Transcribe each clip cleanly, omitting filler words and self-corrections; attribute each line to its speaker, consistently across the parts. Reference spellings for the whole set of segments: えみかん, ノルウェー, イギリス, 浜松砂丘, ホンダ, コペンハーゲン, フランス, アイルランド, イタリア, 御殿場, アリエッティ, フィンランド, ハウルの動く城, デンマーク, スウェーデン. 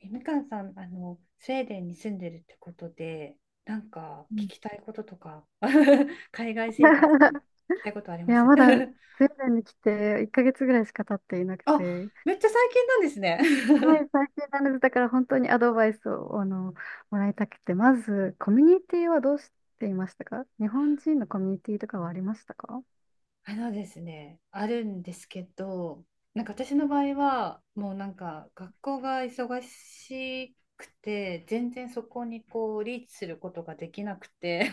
Speaker 1: えみかんさん、スウェーデンに住んでるってことで、なんか
Speaker 2: う
Speaker 1: 聞
Speaker 2: ん。
Speaker 1: きたいこととか、海外生活で聞 きたいことあり
Speaker 2: い
Speaker 1: ま
Speaker 2: や、
Speaker 1: す？
Speaker 2: ま だスウェーデンに来て1ヶ月ぐらいしか経っていなく
Speaker 1: あ、
Speaker 2: て、
Speaker 1: めっちゃ最近なんです
Speaker 2: は
Speaker 1: ね。
Speaker 2: い、最近なので、だから本当にアドバイスをもらいたくて、まず、コミュニティはどうしていましたか？日本人のコミュニティとかはありましたか？
Speaker 1: あのですね、あるんですけど、なんか私の場合は、もうなんか学校が忙しくて、全然そこにこうリーチすることができなくて、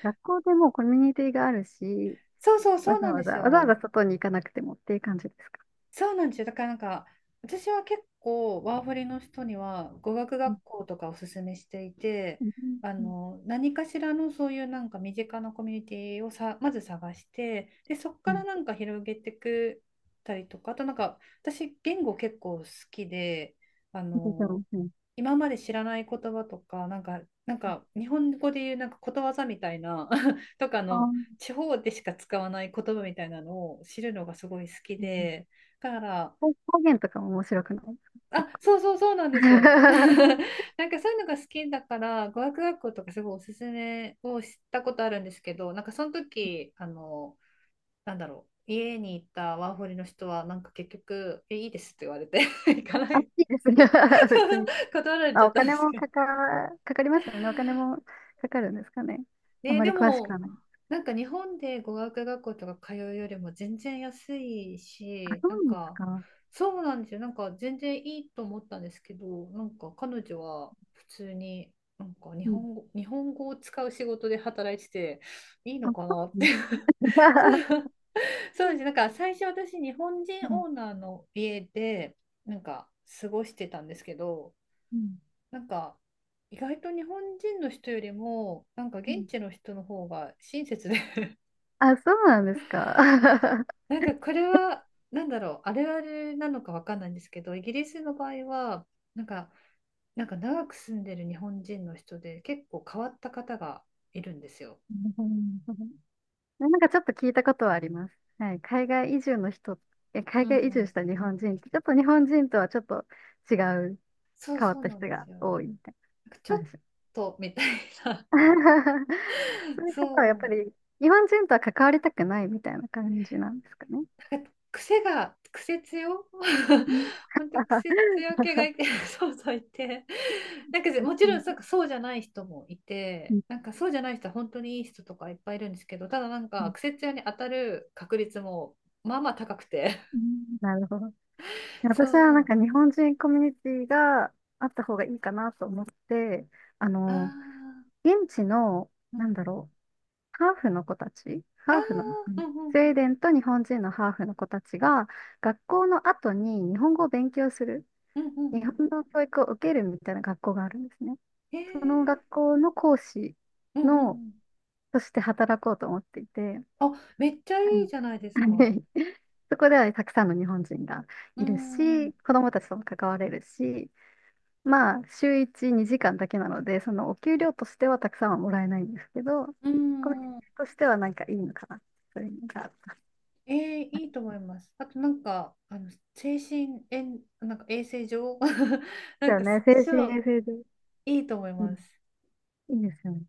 Speaker 2: 学校でもコミュニティがあるし、
Speaker 1: そうそうそ
Speaker 2: わ
Speaker 1: う
Speaker 2: ざ
Speaker 1: なん
Speaker 2: わ
Speaker 1: で
Speaker 2: ざ、
Speaker 1: す
Speaker 2: わざわ
Speaker 1: よ。
Speaker 2: ざ外に行かなくてもっていう感じですか？
Speaker 1: そうなんですよ。だからなんか、私は結構ワーホリの人には語学
Speaker 2: うん。
Speaker 1: 学校とかおすすめしていて、
Speaker 2: うん。うん。
Speaker 1: 何かしらのそういうなんか身近なコミュニティをさ、まず探して、でそこ
Speaker 2: う
Speaker 1: か
Speaker 2: ん。
Speaker 1: らなんか広げてくたりとか、あとなんか私言語結構好きで、あ
Speaker 2: そうそ
Speaker 1: の
Speaker 2: うそう。
Speaker 1: 今まで知らない言葉とか、なんか日本語で言うなんかことわざみたいな とか
Speaker 2: あ
Speaker 1: の
Speaker 2: ー。
Speaker 1: 地方でしか使わない言葉みたいなのを知るのがすごい好き
Speaker 2: うんうん。
Speaker 1: で。から、
Speaker 2: 方言とかも面白くないですか？
Speaker 1: あ、
Speaker 2: 結構。
Speaker 1: そうそうそうなんですよ。なんかそういうのが好きだから、語学学校とかすごいおすすめをしたことあるんですけど、なんかその時、なんだろう。家に行ったワーホリの人は、なんか結局、え、いいですって言われて 行か な
Speaker 2: あ、
Speaker 1: い。
Speaker 2: いいですね。 別に。
Speaker 1: 断られ
Speaker 2: ま
Speaker 1: ち
Speaker 2: あ、
Speaker 1: ゃ
Speaker 2: お
Speaker 1: ったんで
Speaker 2: 金
Speaker 1: す
Speaker 2: も
Speaker 1: けど、
Speaker 2: かかりますよね。お金もかかるんですかね。あ
Speaker 1: ね、
Speaker 2: まり
Speaker 1: で
Speaker 2: 詳しく
Speaker 1: も、
Speaker 2: はない。
Speaker 1: なんか日本で語学学校とか通うよりも全然安い
Speaker 2: あ、
Speaker 1: し、
Speaker 2: そ
Speaker 1: な
Speaker 2: う
Speaker 1: ん
Speaker 2: なんです
Speaker 1: か、
Speaker 2: か。
Speaker 1: そうなんですよ。なんか全然いいと思ったんですけど、なんか彼女は普通に、なんか日
Speaker 2: うん。
Speaker 1: 本語、日本語を使う仕事で働いてて、いい
Speaker 2: あ、
Speaker 1: のか
Speaker 2: そ
Speaker 1: なっ
Speaker 2: うな
Speaker 1: て。
Speaker 2: んです
Speaker 1: そう、
Speaker 2: か。
Speaker 1: そうです。なんか最初私、日本
Speaker 2: は
Speaker 1: 人オー
Speaker 2: い。
Speaker 1: ナーの家で、なんか過ごしてたんですけど、
Speaker 2: うん
Speaker 1: なんか意外と日本人の人よりもなんか
Speaker 2: う
Speaker 1: 現
Speaker 2: ん。
Speaker 1: 地の人の方が親切で。
Speaker 2: あ、そうなんですか。な
Speaker 1: なんかこれはなんだろう、あれなのかわかんないんですけど、イギリスの場合は、なんかなんか長く住んでる日本人の人で結構変わった方がいるんですよ。
Speaker 2: るほどなるほど。なんかちょっと聞いたことはあります。はい。海外移住の人、
Speaker 1: う
Speaker 2: 海
Speaker 1: んう
Speaker 2: 外移住
Speaker 1: ん。
Speaker 2: した日本人って、ちょっと日本人とはちょっと違う、
Speaker 1: そう
Speaker 2: 変わっ
Speaker 1: そう
Speaker 2: た
Speaker 1: なん
Speaker 2: 人
Speaker 1: で
Speaker 2: が
Speaker 1: すよ。なん
Speaker 2: 多いみたい
Speaker 1: かち
Speaker 2: な
Speaker 1: ょっ
Speaker 2: 話。
Speaker 1: とみたいな。
Speaker 2: そ ういう
Speaker 1: そ
Speaker 2: 方はやっぱ
Speaker 1: う、
Speaker 2: り日本人とは関わりたくないみたいな感じなんですかね。
Speaker 1: 癖強
Speaker 2: う ん、
Speaker 1: 本当癖強系がいて、 そうそういて、なんか
Speaker 2: うん
Speaker 1: もち
Speaker 2: う
Speaker 1: ろ
Speaker 2: ん
Speaker 1: んそうか、そうじゃない人もいて、なんかそうじゃない人は本当にいい人とかいっぱいいるんですけど、ただなん
Speaker 2: う
Speaker 1: か
Speaker 2: ん
Speaker 1: 癖強に当たる確率もまあまあ高くて、
Speaker 2: うん、なるほど。
Speaker 1: そ
Speaker 2: 私はなん
Speaker 1: う、
Speaker 2: か日本人コミュニティがあった方がいいかなと思って、あ
Speaker 1: あ
Speaker 2: の、
Speaker 1: ー、
Speaker 2: 現地の、
Speaker 1: うんう
Speaker 2: なんだ
Speaker 1: ん、
Speaker 2: ろう、ハーフの子たち、
Speaker 1: あ
Speaker 2: ハーフの、う
Speaker 1: ー、う
Speaker 2: ん、
Speaker 1: んう
Speaker 2: スウェーデ
Speaker 1: ん、
Speaker 2: ンと日本人のハーフの子たちが、学校の後に日本語を勉強する、
Speaker 1: うんうん、うんう
Speaker 2: 日本
Speaker 1: ん、
Speaker 2: の教育を受けるみたいな学校があるんですね。
Speaker 1: へ、
Speaker 2: その学校の講師
Speaker 1: うんうん、う
Speaker 2: の、
Speaker 1: ん、
Speaker 2: として働こうと思っていて、
Speaker 1: あ、めっちゃ
Speaker 2: は
Speaker 1: いいじゃないですか。
Speaker 2: い。 そこではたくさんの日本人が
Speaker 1: う
Speaker 2: いる
Speaker 1: ん
Speaker 2: し、子どもたちとも関われるし、まあ、週1、2時間だけなので、そのお給料としてはたくさんはもらえないんですけど、
Speaker 1: う
Speaker 2: コミュニテ
Speaker 1: ん、
Speaker 2: ィとしてはなんかいいのかな、そういうのが。で
Speaker 1: ええ、いいと思います。あとなんか、精神衛、なんか衛生上、 な
Speaker 2: す
Speaker 1: ん
Speaker 2: よ
Speaker 1: か、
Speaker 2: ね、精神
Speaker 1: そう、
Speaker 2: 衛生上。
Speaker 1: いいと思い
Speaker 2: うん、
Speaker 1: ます。
Speaker 2: いいですよね。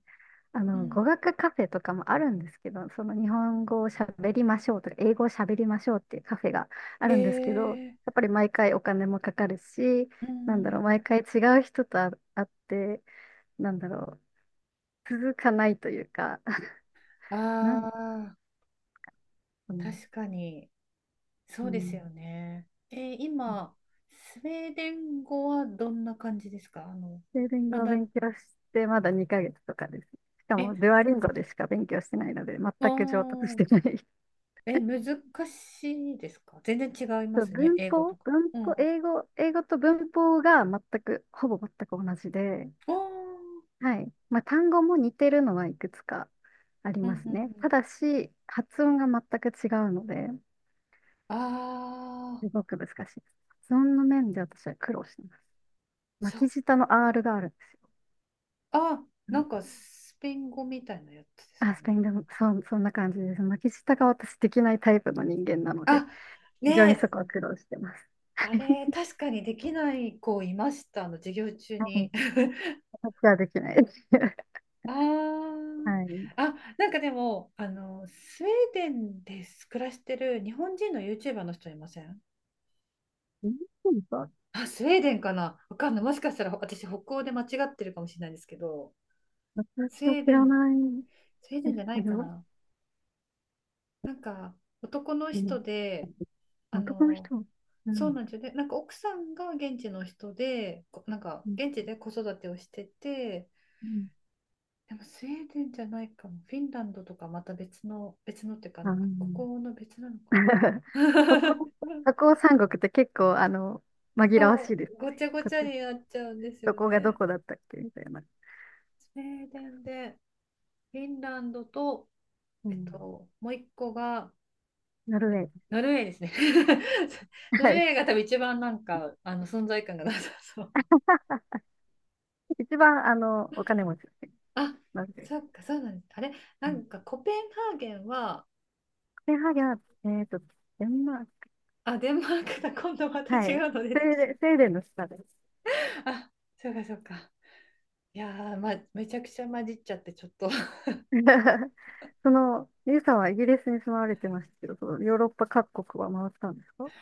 Speaker 1: うん、
Speaker 2: 語学カフェとかもあるんですけど、その日本語を喋りましょうとか、英語を喋りましょうっていうカフェがあるんですけど、
Speaker 1: ええ、
Speaker 2: やっぱり毎回お金もかかるし、
Speaker 1: う
Speaker 2: なんだ
Speaker 1: ん、
Speaker 2: ろう、毎回違う人と会って、なんだろう、続かないというか、
Speaker 1: あ
Speaker 2: なんだ
Speaker 1: あ、
Speaker 2: ろう。
Speaker 1: 確かに、そ
Speaker 2: う
Speaker 1: うですよ
Speaker 2: ん、
Speaker 1: ね。今、スウェーデン語はどんな感じですか？
Speaker 2: スウェーデン
Speaker 1: ま
Speaker 2: 語を
Speaker 1: だ、
Speaker 2: 勉強してまだ2ヶ月とかです。しか
Speaker 1: え、
Speaker 2: も、デュアリンゴでしか勉強してないので、全く上達し
Speaker 1: お
Speaker 2: てな
Speaker 1: ー、
Speaker 2: い。
Speaker 1: え、難しいですか？全然違いま
Speaker 2: そう
Speaker 1: すね、
Speaker 2: 文
Speaker 1: 英語と
Speaker 2: 法、
Speaker 1: か。
Speaker 2: 文
Speaker 1: う
Speaker 2: 法、
Speaker 1: ん。
Speaker 2: 英語と文法が全く、ほぼ全く同じで、
Speaker 1: おー、
Speaker 2: はい。まあ、単語も似てるのはいくつかあり
Speaker 1: うん
Speaker 2: ま
Speaker 1: う
Speaker 2: す
Speaker 1: んう
Speaker 2: ね。た
Speaker 1: ん。
Speaker 2: だし、発音が全く違うので、
Speaker 1: ああ、
Speaker 2: すごく難しいです。発音の面で私は苦労してます。
Speaker 1: そっ
Speaker 2: 巻き舌の R があるんですよ。
Speaker 1: あ、
Speaker 2: う
Speaker 1: な
Speaker 2: ん。
Speaker 1: んかスペイン語みたいなやつです
Speaker 2: あ、
Speaker 1: か
Speaker 2: ス
Speaker 1: ね。
Speaker 2: ペイン語も、そう、そんな感じです。巻き舌が私できないタイプの人間なので、
Speaker 1: あ、ね
Speaker 2: 非常にそ
Speaker 1: え、
Speaker 2: こは苦労してます。
Speaker 1: あれ、確かにできない子いました、あの授業中
Speaker 2: はい。
Speaker 1: に。
Speaker 2: 私はできないです。
Speaker 1: あー、
Speaker 2: はい。
Speaker 1: あ、なんかでも、スウェーデンで暮らしてる日本人の YouTuber の人いません？
Speaker 2: うん、
Speaker 1: あ、スウェーデンかな、わかんない。もしかしたら私、北欧で間違ってるかもしれないですけど、
Speaker 2: 私
Speaker 1: スウ
Speaker 2: は
Speaker 1: ェ
Speaker 2: 知
Speaker 1: ーデ
Speaker 2: ら
Speaker 1: ン、
Speaker 2: ない
Speaker 1: スウェーデ
Speaker 2: で
Speaker 1: ン
Speaker 2: す
Speaker 1: じゃな
Speaker 2: け
Speaker 1: いか
Speaker 2: ど、
Speaker 1: な。なんか、男の
Speaker 2: う
Speaker 1: 人
Speaker 2: ん、
Speaker 1: で、あ
Speaker 2: 男の
Speaker 1: の、
Speaker 2: 人、う
Speaker 1: そう
Speaker 2: ん、
Speaker 1: なんですよね。なんか奥さんが現地の人で、なんか
Speaker 2: うん、
Speaker 1: 現地で子育てをしてて、
Speaker 2: うん、
Speaker 1: でもスウェーデンじゃないかも。フィンランドとかまた別の、別のっていうか、
Speaker 2: あの、
Speaker 1: ここの別なのか な。
Speaker 2: 北欧、北欧三国って結構、紛らわしい
Speaker 1: そ
Speaker 2: です。
Speaker 1: う、ごちゃご
Speaker 2: こ
Speaker 1: ちゃになっちゃうんです
Speaker 2: ど
Speaker 1: よ
Speaker 2: こがど
Speaker 1: ね。
Speaker 2: こだったっけみたいな。
Speaker 1: スウェーデンで、フィンランドと、
Speaker 2: うん、
Speaker 1: もう一個が、
Speaker 2: ノルウェー。
Speaker 1: ノルウェーですね。ノ
Speaker 2: は
Speaker 1: ルウ
Speaker 2: い。
Speaker 1: ェーが多分一番なんか、存在感がなさそう。
Speaker 2: 一番、お金持ちですね。
Speaker 1: あ、
Speaker 2: ノルウェー。
Speaker 1: そっか、そうなんです。あれ、
Speaker 2: う
Speaker 1: な
Speaker 2: ん、
Speaker 1: んかコペンハーゲンは、
Speaker 2: コペンハーゲンは、えっと、デンマーク。
Speaker 1: あ、デンマークだ。今度また
Speaker 2: は
Speaker 1: 違
Speaker 2: い。
Speaker 1: うの出
Speaker 2: スウ
Speaker 1: て
Speaker 2: ェ
Speaker 1: き
Speaker 2: ー
Speaker 1: ちゃ
Speaker 2: デ
Speaker 1: っ
Speaker 2: ン、スウェーデンの下です。
Speaker 1: た。あ、そうか、そうか。いやー、ま、めちゃくちゃ混じっちゃって、ちょっと。
Speaker 2: ゆうさんはイギリスに住まわれてましたけど、そのヨーロッパ各国は回ったんですか？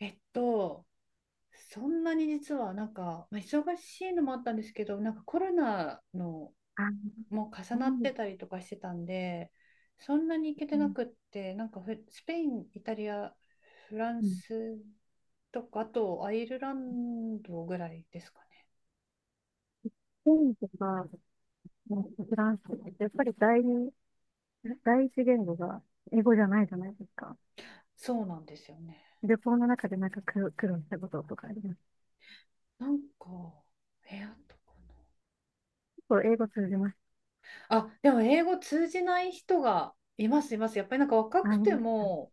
Speaker 1: えっと、そんなに実は、なんか、まあ、忙しいのもあったんですけど、なんかコロナの
Speaker 2: あ、
Speaker 1: も重
Speaker 2: そう
Speaker 1: なっ
Speaker 2: で
Speaker 1: てたりとかしてたんで、そんなに行け
Speaker 2: す
Speaker 1: てな
Speaker 2: ね。
Speaker 1: くって、なんかフスペイン、イタリア、フラン
Speaker 2: うん。
Speaker 1: スとか、あとアイルランドぐらいですかね。
Speaker 2: スペインとか、フランスとかってやっぱり第二、第一言語が英語じゃないじゃないですか。
Speaker 1: そうなんですよね。
Speaker 2: 旅行の中でなんか苦労したこととかあります。
Speaker 1: なんか、え、あとか
Speaker 2: 結構英語通じます。
Speaker 1: な。あ、でも英語通じない人がいます、います。やっぱりなんか若
Speaker 2: あ
Speaker 1: く
Speaker 2: り
Speaker 1: て
Speaker 2: ました。
Speaker 1: も、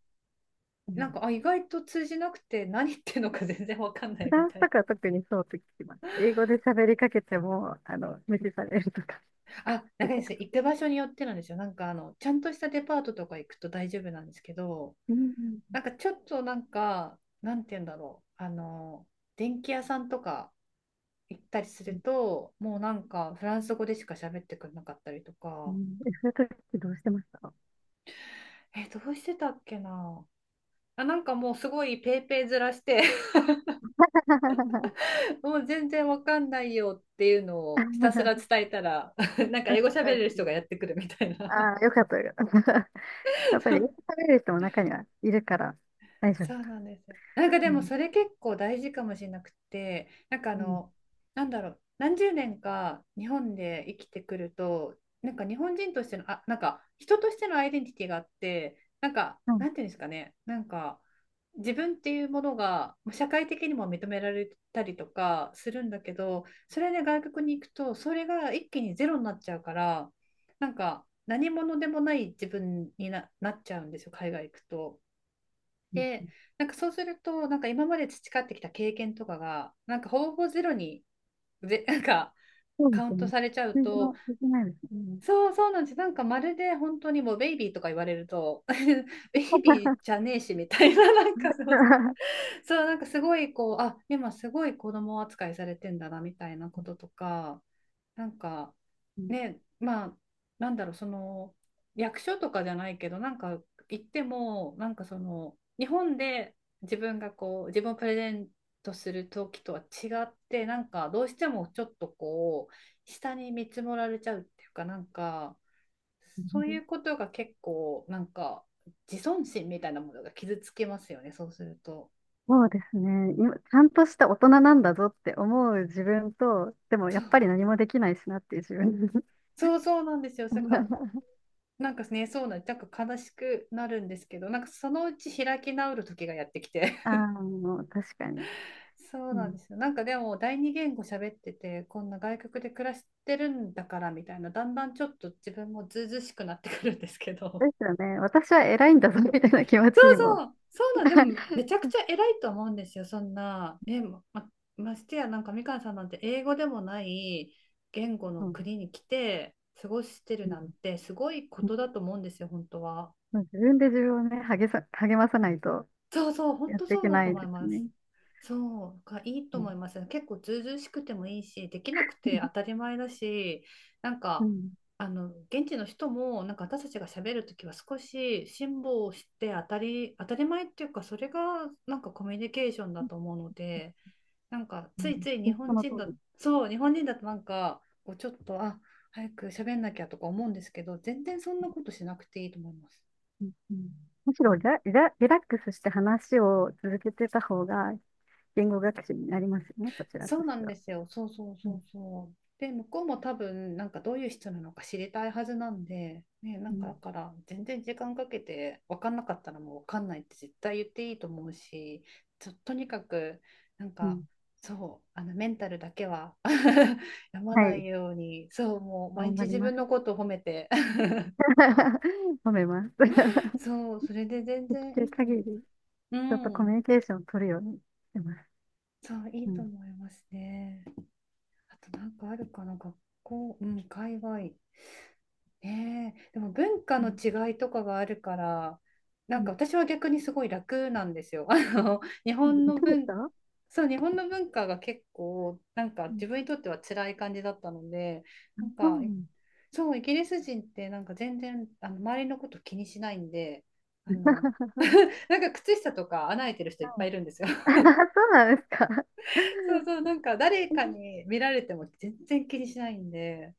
Speaker 2: う
Speaker 1: なん
Speaker 2: ん。
Speaker 1: か、あ、意外と通じなくて何言ってるのか全然わかんな
Speaker 2: フ
Speaker 1: いみ
Speaker 2: ランス
Speaker 1: たいな。
Speaker 2: とかは特にそうと聞きます。英語で喋りかけても、無視されるとか
Speaker 1: あ、な
Speaker 2: 聞
Speaker 1: ん
Speaker 2: い
Speaker 1: かで
Speaker 2: た
Speaker 1: す
Speaker 2: こ
Speaker 1: ね、行
Speaker 2: と。
Speaker 1: く場所によってなんですよ。なんかちゃんとしたデパートとか行くと大丈夫なんですけど、
Speaker 2: うんう
Speaker 1: な
Speaker 2: ん
Speaker 1: んかちょっとなんか、なんて言うんだろう。電気屋さんとか行ったりす
Speaker 2: う
Speaker 1: る
Speaker 2: ん
Speaker 1: と、もうなんかフランス語でしか喋ってくれなかったりと
Speaker 2: う
Speaker 1: か、
Speaker 2: ん、そういう時どうしてました？
Speaker 1: え、どうしてたっけな。あ、なんかもうすごいペーペーずらして、 もう全然わかんないよっていうのをひたすら伝えたら、 なんか
Speaker 2: うん
Speaker 1: 英語喋れ
Speaker 2: う
Speaker 1: る人が
Speaker 2: ん。
Speaker 1: やってくるみたいな。
Speaker 2: ああー、よかったよかった。やっぱり、食べれる人も中にはいるから、大丈
Speaker 1: そう
Speaker 2: 夫。
Speaker 1: なんですよ。なんかで
Speaker 2: う
Speaker 1: も
Speaker 2: ん。
Speaker 1: それ結構大事かもしれなくて、なんか
Speaker 2: うん。
Speaker 1: なんだろう、何十年か日本で生きてくると、なんか日本人としての、あ、なんか人としてのアイデンティティがあって、なんか、
Speaker 2: うん。
Speaker 1: なんていうんですかね、なんか自分っていうものがまあ社会的にも認められたりとかするんだけど、それで外国に行くと、それが一気にゼロになっちゃうから、なんか何者でもない自分になっちゃうんですよ、海外行くと。
Speaker 2: うん、
Speaker 1: で、なんかそうすると、なんか今まで培ってきた経験とかが、なんかほぼゼロに、なんか
Speaker 2: そうで
Speaker 1: カウ
Speaker 2: す
Speaker 1: ント
Speaker 2: ね。
Speaker 1: されちゃう
Speaker 2: 通常
Speaker 1: と、
Speaker 2: のできないですね。
Speaker 1: そうそうなんです。なんかまるで本当にもうベイビーとか言われると、ベイビーじゃねえしみたいな、なんかそう、そう、なんかすごいこう、あ、今すごい子供扱いされてんだなみたいなこととか、なんか
Speaker 2: うん、
Speaker 1: ね、まあ、なんだろう、その、役所とかじゃないけど、なんか行っても、なんかその、日本で自分がこう、自分をプレゼントする時とは違って、なんかどうしてもちょっとこう、下に見積もられちゃうっていうか、なんか、そういうことが結構、なんか、自尊心みたいなものが傷つきますよね、そうすると。
Speaker 2: そうですね。今、ちゃんとした大人なんだぞって思う自分と、でもや
Speaker 1: そう、
Speaker 2: っぱり何もできないしなっていう自分。
Speaker 1: そうそうなんですよ。なんか なんかね、なんか悲しくなるんですけど、なんかそのうち開き直る時がやってきて、
Speaker 2: ああ、もう確かに。
Speaker 1: そう
Speaker 2: う
Speaker 1: なんで
Speaker 2: ん。
Speaker 1: すよ。なんかでも、第二言語喋ってて、こんな外国で暮らしてるんだからみたいな、だんだんちょっと自分もずうずうしくなってくるんですけ
Speaker 2: で
Speaker 1: ど。
Speaker 2: すよね。私は偉いんだぞみたいな気持
Speaker 1: そ
Speaker 2: ち
Speaker 1: う
Speaker 2: にも。
Speaker 1: そう、そうなん、でも、めちゃくちゃ偉いと思うんですよ、そんな。ね、まましてや、なんかみかんさんなんて英語でもない言語の
Speaker 2: そうん。
Speaker 1: 国に来て過ごしてるなんて、すごいことだと思うんですよ、本当は。
Speaker 2: まあ自分で自分をね、励まさないと
Speaker 1: そうそう、本
Speaker 2: やっ
Speaker 1: 当
Speaker 2: てい
Speaker 1: そう
Speaker 2: け
Speaker 1: だ
Speaker 2: な
Speaker 1: と
Speaker 2: い
Speaker 1: 思い
Speaker 2: です
Speaker 1: ます。
Speaker 2: ね。
Speaker 1: そうがいいと
Speaker 2: う
Speaker 1: 思
Speaker 2: ん。
Speaker 1: います。結構ずうずうしくてもいいし、できなくて当たり前だし、なん
Speaker 2: う
Speaker 1: か、
Speaker 2: ん。
Speaker 1: 現地の人も、なんか私たちが喋るときは少し辛抱して当たり前っていうか、それがなんかコミュニケーションだと思うので、なんかついつい
Speaker 2: う
Speaker 1: 日
Speaker 2: ん、そ
Speaker 1: 本
Speaker 2: の通
Speaker 1: 人だ、
Speaker 2: り。
Speaker 1: そう、日本人だとなんか、こうちょっと、あ、早く喋んなきゃとか思うんですけど、全然そんなことしなくていいと思います。
Speaker 2: うんうん、むしろリラックスして話を続けてた方が言語学習になりますよね、そちら
Speaker 1: そう
Speaker 2: とし
Speaker 1: な
Speaker 2: て
Speaker 1: んで
Speaker 2: は。
Speaker 1: すよ。そうそう
Speaker 2: う
Speaker 1: そ
Speaker 2: ん、
Speaker 1: うそう。で、向こうも多分、なんかどういう人なのか知りたいはずなんで、ね、な
Speaker 2: う
Speaker 1: んか
Speaker 2: ん
Speaker 1: だから、全然時間かけて、分かんなかったらもう分かんないって絶対言っていいと思うし、ちょとにかく、なん
Speaker 2: う
Speaker 1: か、
Speaker 2: ん、
Speaker 1: そう、あのメンタルだけは 病ま
Speaker 2: は
Speaker 1: ない
Speaker 2: い、
Speaker 1: ように、そう、もう毎
Speaker 2: 頑
Speaker 1: 日
Speaker 2: 張り
Speaker 1: 自
Speaker 2: ま
Speaker 1: 分の
Speaker 2: す。
Speaker 1: ことを褒めて、
Speaker 2: 褒めます。
Speaker 1: そう、それで全
Speaker 2: で
Speaker 1: 然
Speaker 2: き
Speaker 1: い
Speaker 2: る
Speaker 1: いと思い
Speaker 2: 限り、
Speaker 1: ます。
Speaker 2: ち
Speaker 1: う
Speaker 2: ょっとコミュ
Speaker 1: ん、
Speaker 2: ニケーションを取るようにしてます。
Speaker 1: そう、い
Speaker 2: う
Speaker 1: いと
Speaker 2: ん。
Speaker 1: 思いますね。あとなんかあるかな、学校、うん、海外。ねえ、でも文化
Speaker 2: う
Speaker 1: の
Speaker 2: ん
Speaker 1: 違いとかがあるから、な
Speaker 2: う
Speaker 1: んか
Speaker 2: ん、
Speaker 1: 私は逆にすごい楽なんですよ。日本
Speaker 2: で
Speaker 1: の
Speaker 2: きる
Speaker 1: 文、
Speaker 2: 人。
Speaker 1: そう、日本の文化が結構、なんか
Speaker 2: うん。
Speaker 1: 自分にとっては辛い感じだったので、なん
Speaker 2: そ
Speaker 1: か、
Speaker 2: うなん
Speaker 1: そう、イギリス人ってなんか全然、周りのこと気にしないんで、あ
Speaker 2: だ。
Speaker 1: の、なんか靴下とか穴開いてる人いっ
Speaker 2: は
Speaker 1: ぱ
Speaker 2: い。
Speaker 1: いいるんですよ。
Speaker 2: そうなんですか。
Speaker 1: そうそう、なんか誰かに見られても全然気にしないんで、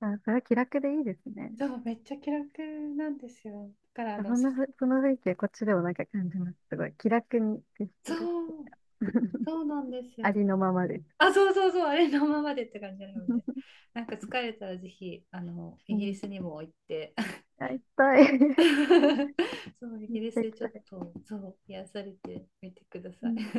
Speaker 2: あ、それは気楽でいいですね。
Speaker 1: そう、めっちゃ気楽なんですよ。だから、
Speaker 2: そん
Speaker 1: そ
Speaker 2: なふ、その雰囲気はこっちでもなんか感じます。すごい。気楽に接してる。
Speaker 1: そう そうなんですよ
Speaker 2: あ
Speaker 1: ね。
Speaker 2: りのままです。
Speaker 1: あ、そうそうそう、あれのままでって感じなので。なんか疲れたらぜひ、イ
Speaker 2: う
Speaker 1: ギリ
Speaker 2: ん。
Speaker 1: スにも行って、
Speaker 2: あ、行きたい。
Speaker 1: そう、イ
Speaker 2: めっ
Speaker 1: ギ
Speaker 2: ち
Speaker 1: リス
Speaker 2: ゃ行
Speaker 1: で
Speaker 2: き
Speaker 1: ちょ
Speaker 2: た
Speaker 1: っ
Speaker 2: い。
Speaker 1: と、そう、癒されてみてくだ
Speaker 2: う
Speaker 1: さい。
Speaker 2: ん。